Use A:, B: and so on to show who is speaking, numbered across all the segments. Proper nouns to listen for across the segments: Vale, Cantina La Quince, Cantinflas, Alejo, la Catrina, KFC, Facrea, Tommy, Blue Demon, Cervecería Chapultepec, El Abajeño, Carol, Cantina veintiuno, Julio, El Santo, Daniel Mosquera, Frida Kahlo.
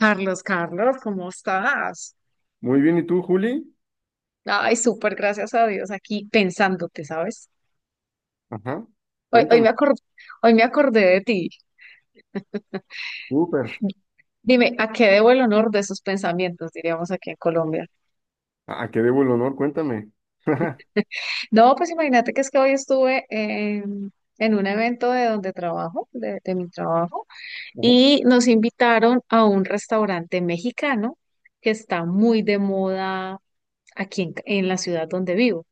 A: Carlos, Carlos, ¿cómo estás?
B: Muy bien, ¿y tú, Juli?
A: Ay, súper, gracias a Dios, aquí pensándote, ¿sabes?
B: Ajá,
A: Hoy
B: cuéntame.
A: hoy me acordé de ti.
B: Súper.
A: Dime, ¿a qué debo el honor de esos pensamientos, diríamos aquí en Colombia?
B: ¿A qué debo el honor? Cuéntame. Ajá.
A: No, pues imagínate que es que hoy en un evento de donde trabajo, de mi trabajo, y nos invitaron a un restaurante mexicano que está muy de moda aquí en la ciudad donde vivo.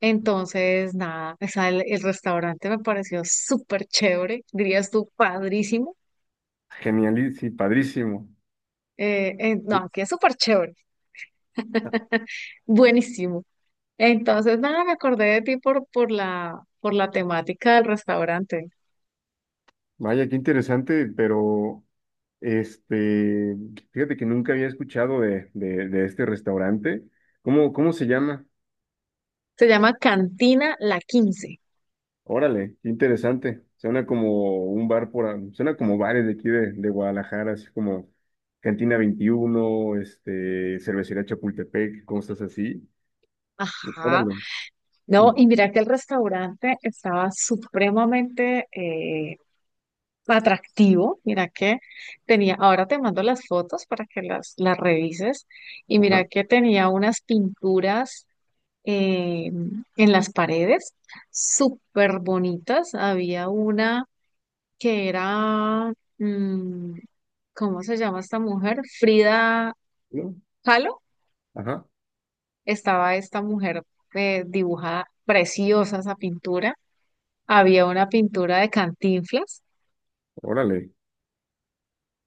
A: Entonces, nada, o sea, el restaurante me pareció súper chévere, dirías tú, padrísimo.
B: Genialísimo, padrísimo.
A: No,
B: Sí.
A: aquí es súper chévere, buenísimo. Entonces, nada, me acordé de ti por por la temática del restaurante.
B: Vaya, qué interesante, pero este, fíjate que nunca había escuchado de este restaurante. ¿Cómo se llama?
A: Se llama Cantina La Quince.
B: Órale, qué interesante. Suena como un bar suena como bares de aquí de Guadalajara, así como Cantina 21 este, Cervecería Chapultepec, cosas así.
A: Ajá.
B: Órale.
A: No, y mira que el restaurante estaba supremamente, atractivo. Mira que tenía, ahora te mando las fotos para que las revises. Y
B: Ajá.
A: mira que tenía unas pinturas eh, en las paredes súper bonitas. Había una que era, mm, ¿cómo se llama esta mujer? Frida
B: ¿No?
A: Kahlo.
B: Ajá,
A: Estaba esta mujer dibujada, preciosa esa pintura. Había una pintura de Cantinflas.
B: órale.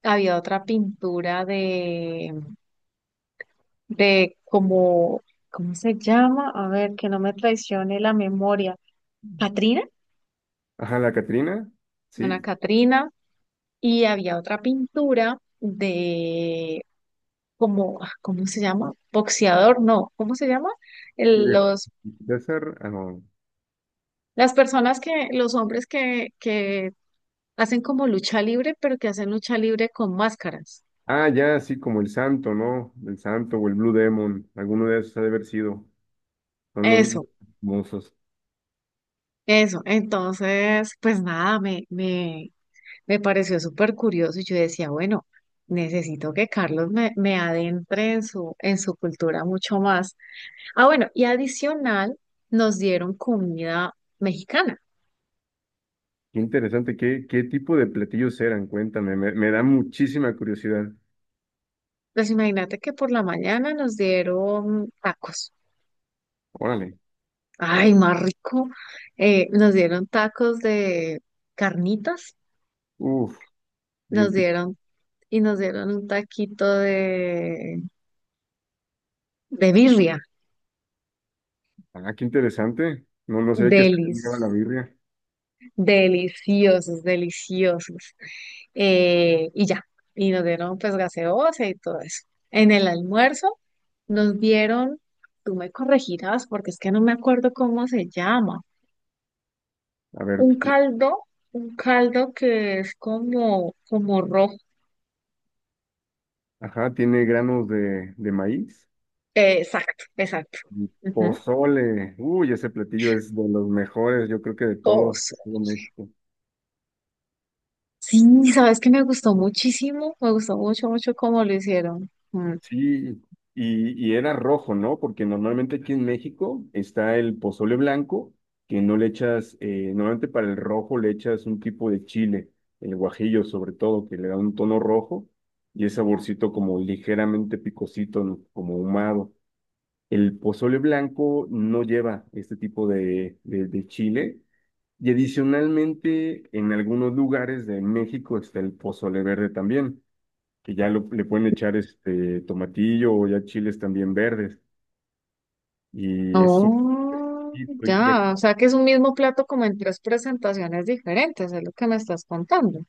A: Había otra pintura de como, ¿cómo se llama? A ver, que no me traicione la memoria. Catrina,
B: Ajá, la Catrina,
A: una
B: sí.
A: Catrina, y había otra pintura de como, ah, ¿cómo se llama? Boxeador, no, ¿cómo se llama?
B: Y
A: El-
B: el
A: los,
B: César, ah, no.
A: las personas los hombres que hacen como lucha libre, pero que hacen lucha libre con máscaras.
B: Ah, ya, sí, como el Santo, ¿no? El Santo o el Blue Demon, alguno de esos ha de haber sido. Son los
A: Eso,
B: famosos.
A: eso. Entonces, pues nada, me pareció súper curioso y yo decía, bueno, necesito que Carlos me adentre en en su cultura mucho más. Ah, bueno, y adicional nos dieron comida mexicana.
B: Qué interesante, ¿qué, qué tipo de platillos eran? Cuéntame, me da muchísima curiosidad.
A: Pues imagínate que por la mañana nos dieron tacos.
B: Órale.
A: Ay, más rico. Nos dieron tacos de carnitas,
B: Uf,
A: nos
B: bien pic-
A: dieron y nos dieron un taquito de birria.
B: Ah, qué interesante. No, no sé qué lleva la
A: Delicioso.
B: birria.
A: Deliciosos, deliciosos. Y ya, y nos dieron pues gaseosa y todo eso. En el almuerzo nos dieron, tú me corregirás porque es que no me acuerdo cómo se llama,
B: A ver,
A: un caldo, un caldo que es como, como rojo.
B: ajá, tiene granos de maíz.
A: Exacto, exacto.
B: Mm,
A: Ujú.
B: pozole, uy, ese platillo es de los mejores, yo creo que de todo,
A: Oso.
B: todo México.
A: Sí, sabes que me gustó muchísimo, me gustó mucho, mucho cómo lo hicieron. Mm.
B: Sí, y era rojo, ¿no? Porque normalmente aquí en México está el pozole blanco, que no le echas, normalmente para el rojo le echas un tipo de chile, el guajillo sobre todo, que le da un tono rojo y es saborcito como ligeramente picosito, ¿no? Como ahumado. El pozole blanco no lleva este tipo de, de chile. Y adicionalmente, en algunos lugares de México está el pozole verde también, que ya le pueden echar este tomatillo o ya chiles también verdes. Y es un...
A: Oh,
B: exquisito,
A: ya, o sea que es un mismo plato como en tres presentaciones diferentes, es lo que me estás contando.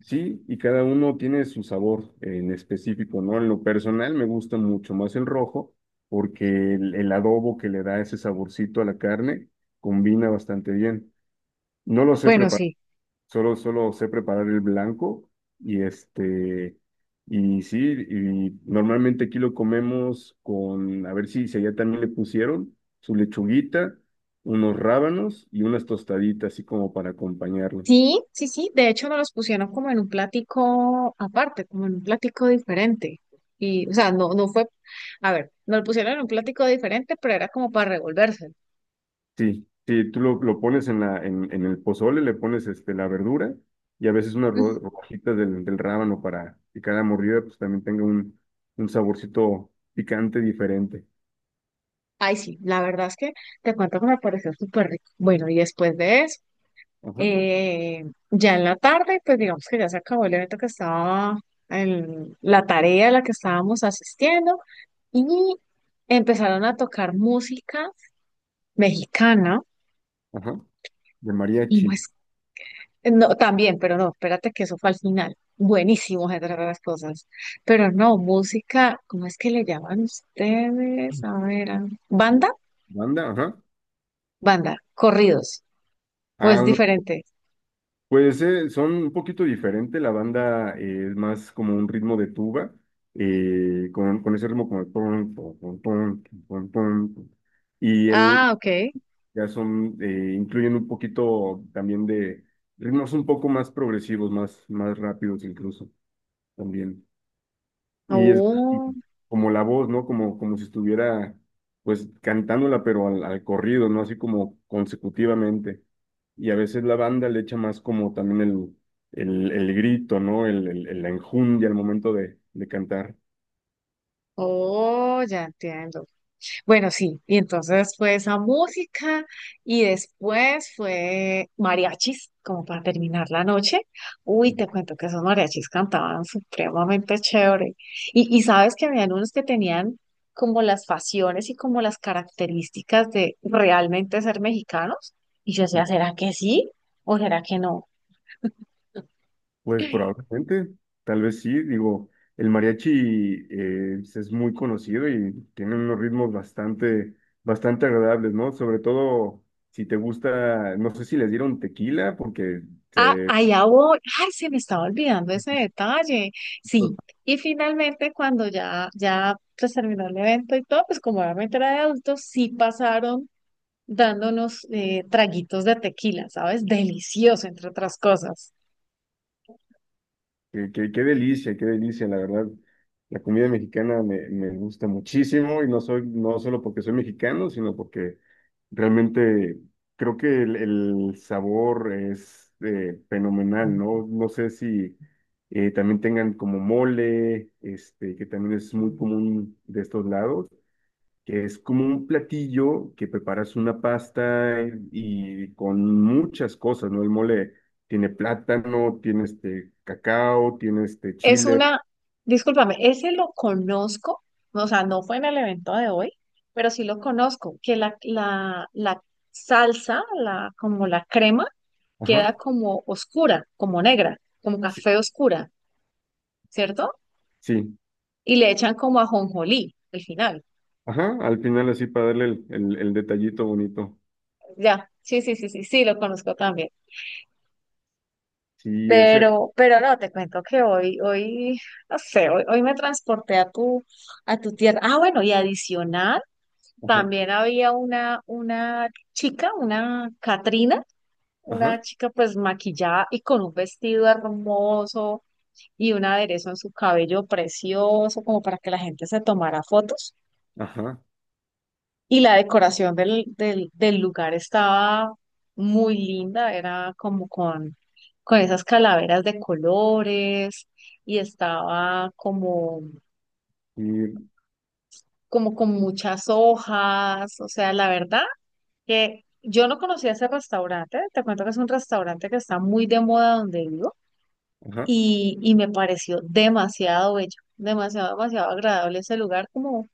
B: sí, y cada uno tiene su sabor en específico, ¿no? En lo personal me gusta mucho más el rojo porque el adobo que le da ese saborcito a la carne combina bastante bien. No lo sé
A: Bueno,
B: preparar.
A: sí,
B: Solo, solo sé preparar el blanco y este, y sí, y normalmente aquí lo comemos con, a ver si allá también le pusieron su lechuguita, unos rábanos y unas tostaditas, así como para acompañarlo.
A: sí, sí, sí, de hecho nos los pusieron como en un platico aparte, como en un platico diferente. Y, o sea, no, no fue, a ver, nos lo pusieron en un platico diferente, pero era como para revolvérselo.
B: Sí, sí, tú lo pones en el pozole, le pones este, la verdura y a veces unas
A: Mm,
B: rodajitas del rábano para que cada mordida pues también tenga un saborcito picante diferente.
A: ay, sí, la verdad es que te cuento que me pareció súper rico. Bueno, y después de eso.
B: Ajá,
A: Eh, ya en la tarde, pues digamos que ya se acabó el evento que estaba, la tarea a la que estábamos asistiendo y empezaron a tocar música mexicana
B: ajá, de
A: y
B: mariachi.
A: pues, no, también, pero no, espérate que eso fue al final. Buenísimo, entre otras cosas. Pero no, música, ¿cómo es que le llaman ustedes? A ver, ¿banda?
B: Banda, ajá.
A: Banda, corridos, ¿o
B: Ah,
A: es
B: no,
A: diferente?
B: pues son un poquito diferente. La banda es más como un ritmo de tuba, con ese ritmo como el ton, ton, ton, ton, ton, ton, ton. Y él
A: Ah, ok.
B: ya son, incluyen un poquito también de ritmos un poco más progresivos, más, más rápidos incluso también. Y es y
A: Oh,
B: como la voz, ¿no? Como, como si estuviera, pues, cantándola, pero al, al corrido, ¿no? Así como consecutivamente. Y a veces la banda le echa más como también el, el grito, ¿no? El, la enjundia al momento de cantar.
A: oh, ya entiendo. Bueno, sí, y entonces fue esa música y después fue mariachis, como para terminar la noche. Uy, te cuento que esos mariachis cantaban supremamente chévere. Y sabes que habían unos que tenían como las facciones y como las características de realmente ser mexicanos. Y yo decía, ¿será que sí o será que no?
B: Pues probablemente, tal vez sí, digo, el mariachi es muy conocido y tiene unos ritmos bastante, bastante agradables, ¿no? Sobre todo si te gusta, no sé si les dieron tequila, porque
A: Ah,
B: se,
A: allá voy. Ay, se me estaba olvidando ese detalle. Sí. Y finalmente, cuando ya pues, terminó el evento y todo, pues como obviamente era de adultos, sí pasaron dándonos traguitos de tequila, ¿sabes? Delicioso, entre otras cosas.
B: qué, qué delicia, la verdad. La comida mexicana me gusta muchísimo y no soy, no solo porque soy mexicano, sino porque realmente creo que el sabor es fenomenal, ¿no? No sé si también tengan como mole, este, que también es muy común de estos lados que es como un platillo que preparas una pasta y con muchas cosas, ¿no? El mole tiene plátano, tiene este cacao, tiene este
A: Es
B: chile.
A: una, discúlpame, ese lo conozco, o sea, no fue en el evento de hoy, pero sí lo conozco, que la salsa, la, como la crema, queda
B: Ajá,
A: como oscura, como negra, como
B: sí,
A: café oscura. ¿Cierto?
B: sí,
A: Y le echan como ajonjolí al final.
B: ajá, al final así para darle el, el detallito bonito.
A: Ya, sí, sí, sí, sí, sí, lo conozco también.
B: Sí, ese,
A: Pero no, te cuento que no sé, hoy me transporté a a tu tierra. Ah, bueno, y adicional,
B: ajá,
A: también había una chica, una Catrina, una
B: ajá,
A: chica pues maquillada y con un vestido hermoso y un aderezo en su cabello precioso, como para que la gente se tomara fotos.
B: ajá,
A: Y la decoración del lugar estaba muy linda, era como con esas calaveras de colores y estaba como,
B: y,
A: como con muchas hojas. O sea, la verdad que yo no conocía ese restaurante, te cuento que es un restaurante que está muy de moda donde vivo
B: ajá.
A: y me pareció demasiado bello, demasiado, demasiado agradable ese lugar como,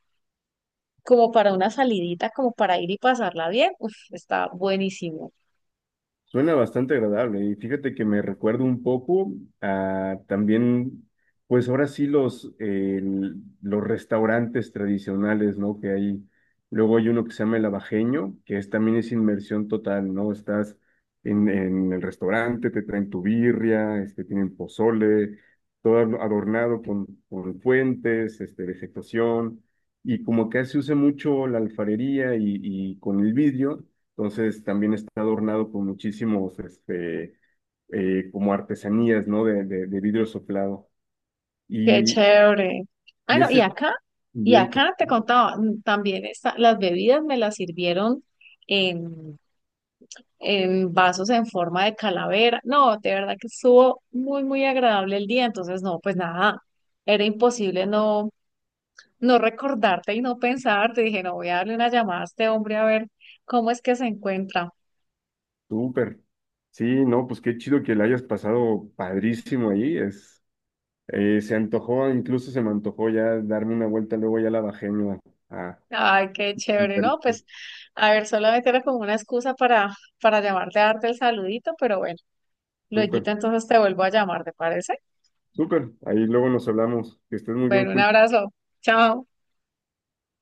A: como para una salidita, como para ir y pasarla bien. Uf, está buenísimo.
B: Suena bastante agradable y fíjate que me recuerda un poco a también, pues ahora sí los, los restaurantes tradicionales, ¿no? Que hay, luego hay uno que se llama El Abajeño, que es, también es inmersión total, ¿no? Estás en el restaurante, te traen tu birria, este, tienen pozole, todo adornado con fuentes, este, vegetación, y como que se usa mucho la alfarería y con el vidrio entonces también está adornado con muchísimos, este, como artesanías, ¿no? De, de vidrio soplado.
A: Qué
B: Y,
A: chévere. Ah,
B: y
A: no,
B: ese es el
A: y
B: ambiente,
A: acá te contaba, mm, también está, las bebidas me las sirvieron en, en vasos en forma de calavera. No, de verdad que estuvo muy, muy agradable el día. Entonces, no, pues nada, era imposible no, no recordarte y no pensarte. Dije, no, voy a darle una llamada a este hombre a ver cómo es que se encuentra.
B: súper. Sí, no, pues qué chido que la hayas pasado padrísimo ahí. Es, se antojó, incluso se me antojó ya darme una vuelta, luego ya la bajé a, a-
A: Ay, qué
B: al
A: chévere, ¿no?
B: Tarito.
A: Pues, a ver, solamente era como una excusa para llamarte a darte el saludito, pero bueno.
B: Súper,
A: Lueguito, entonces te vuelvo a llamar, ¿te parece?
B: súper. Ahí luego nos hablamos. Que estés muy bien,
A: Bueno, un
B: Julio.
A: abrazo. Chao.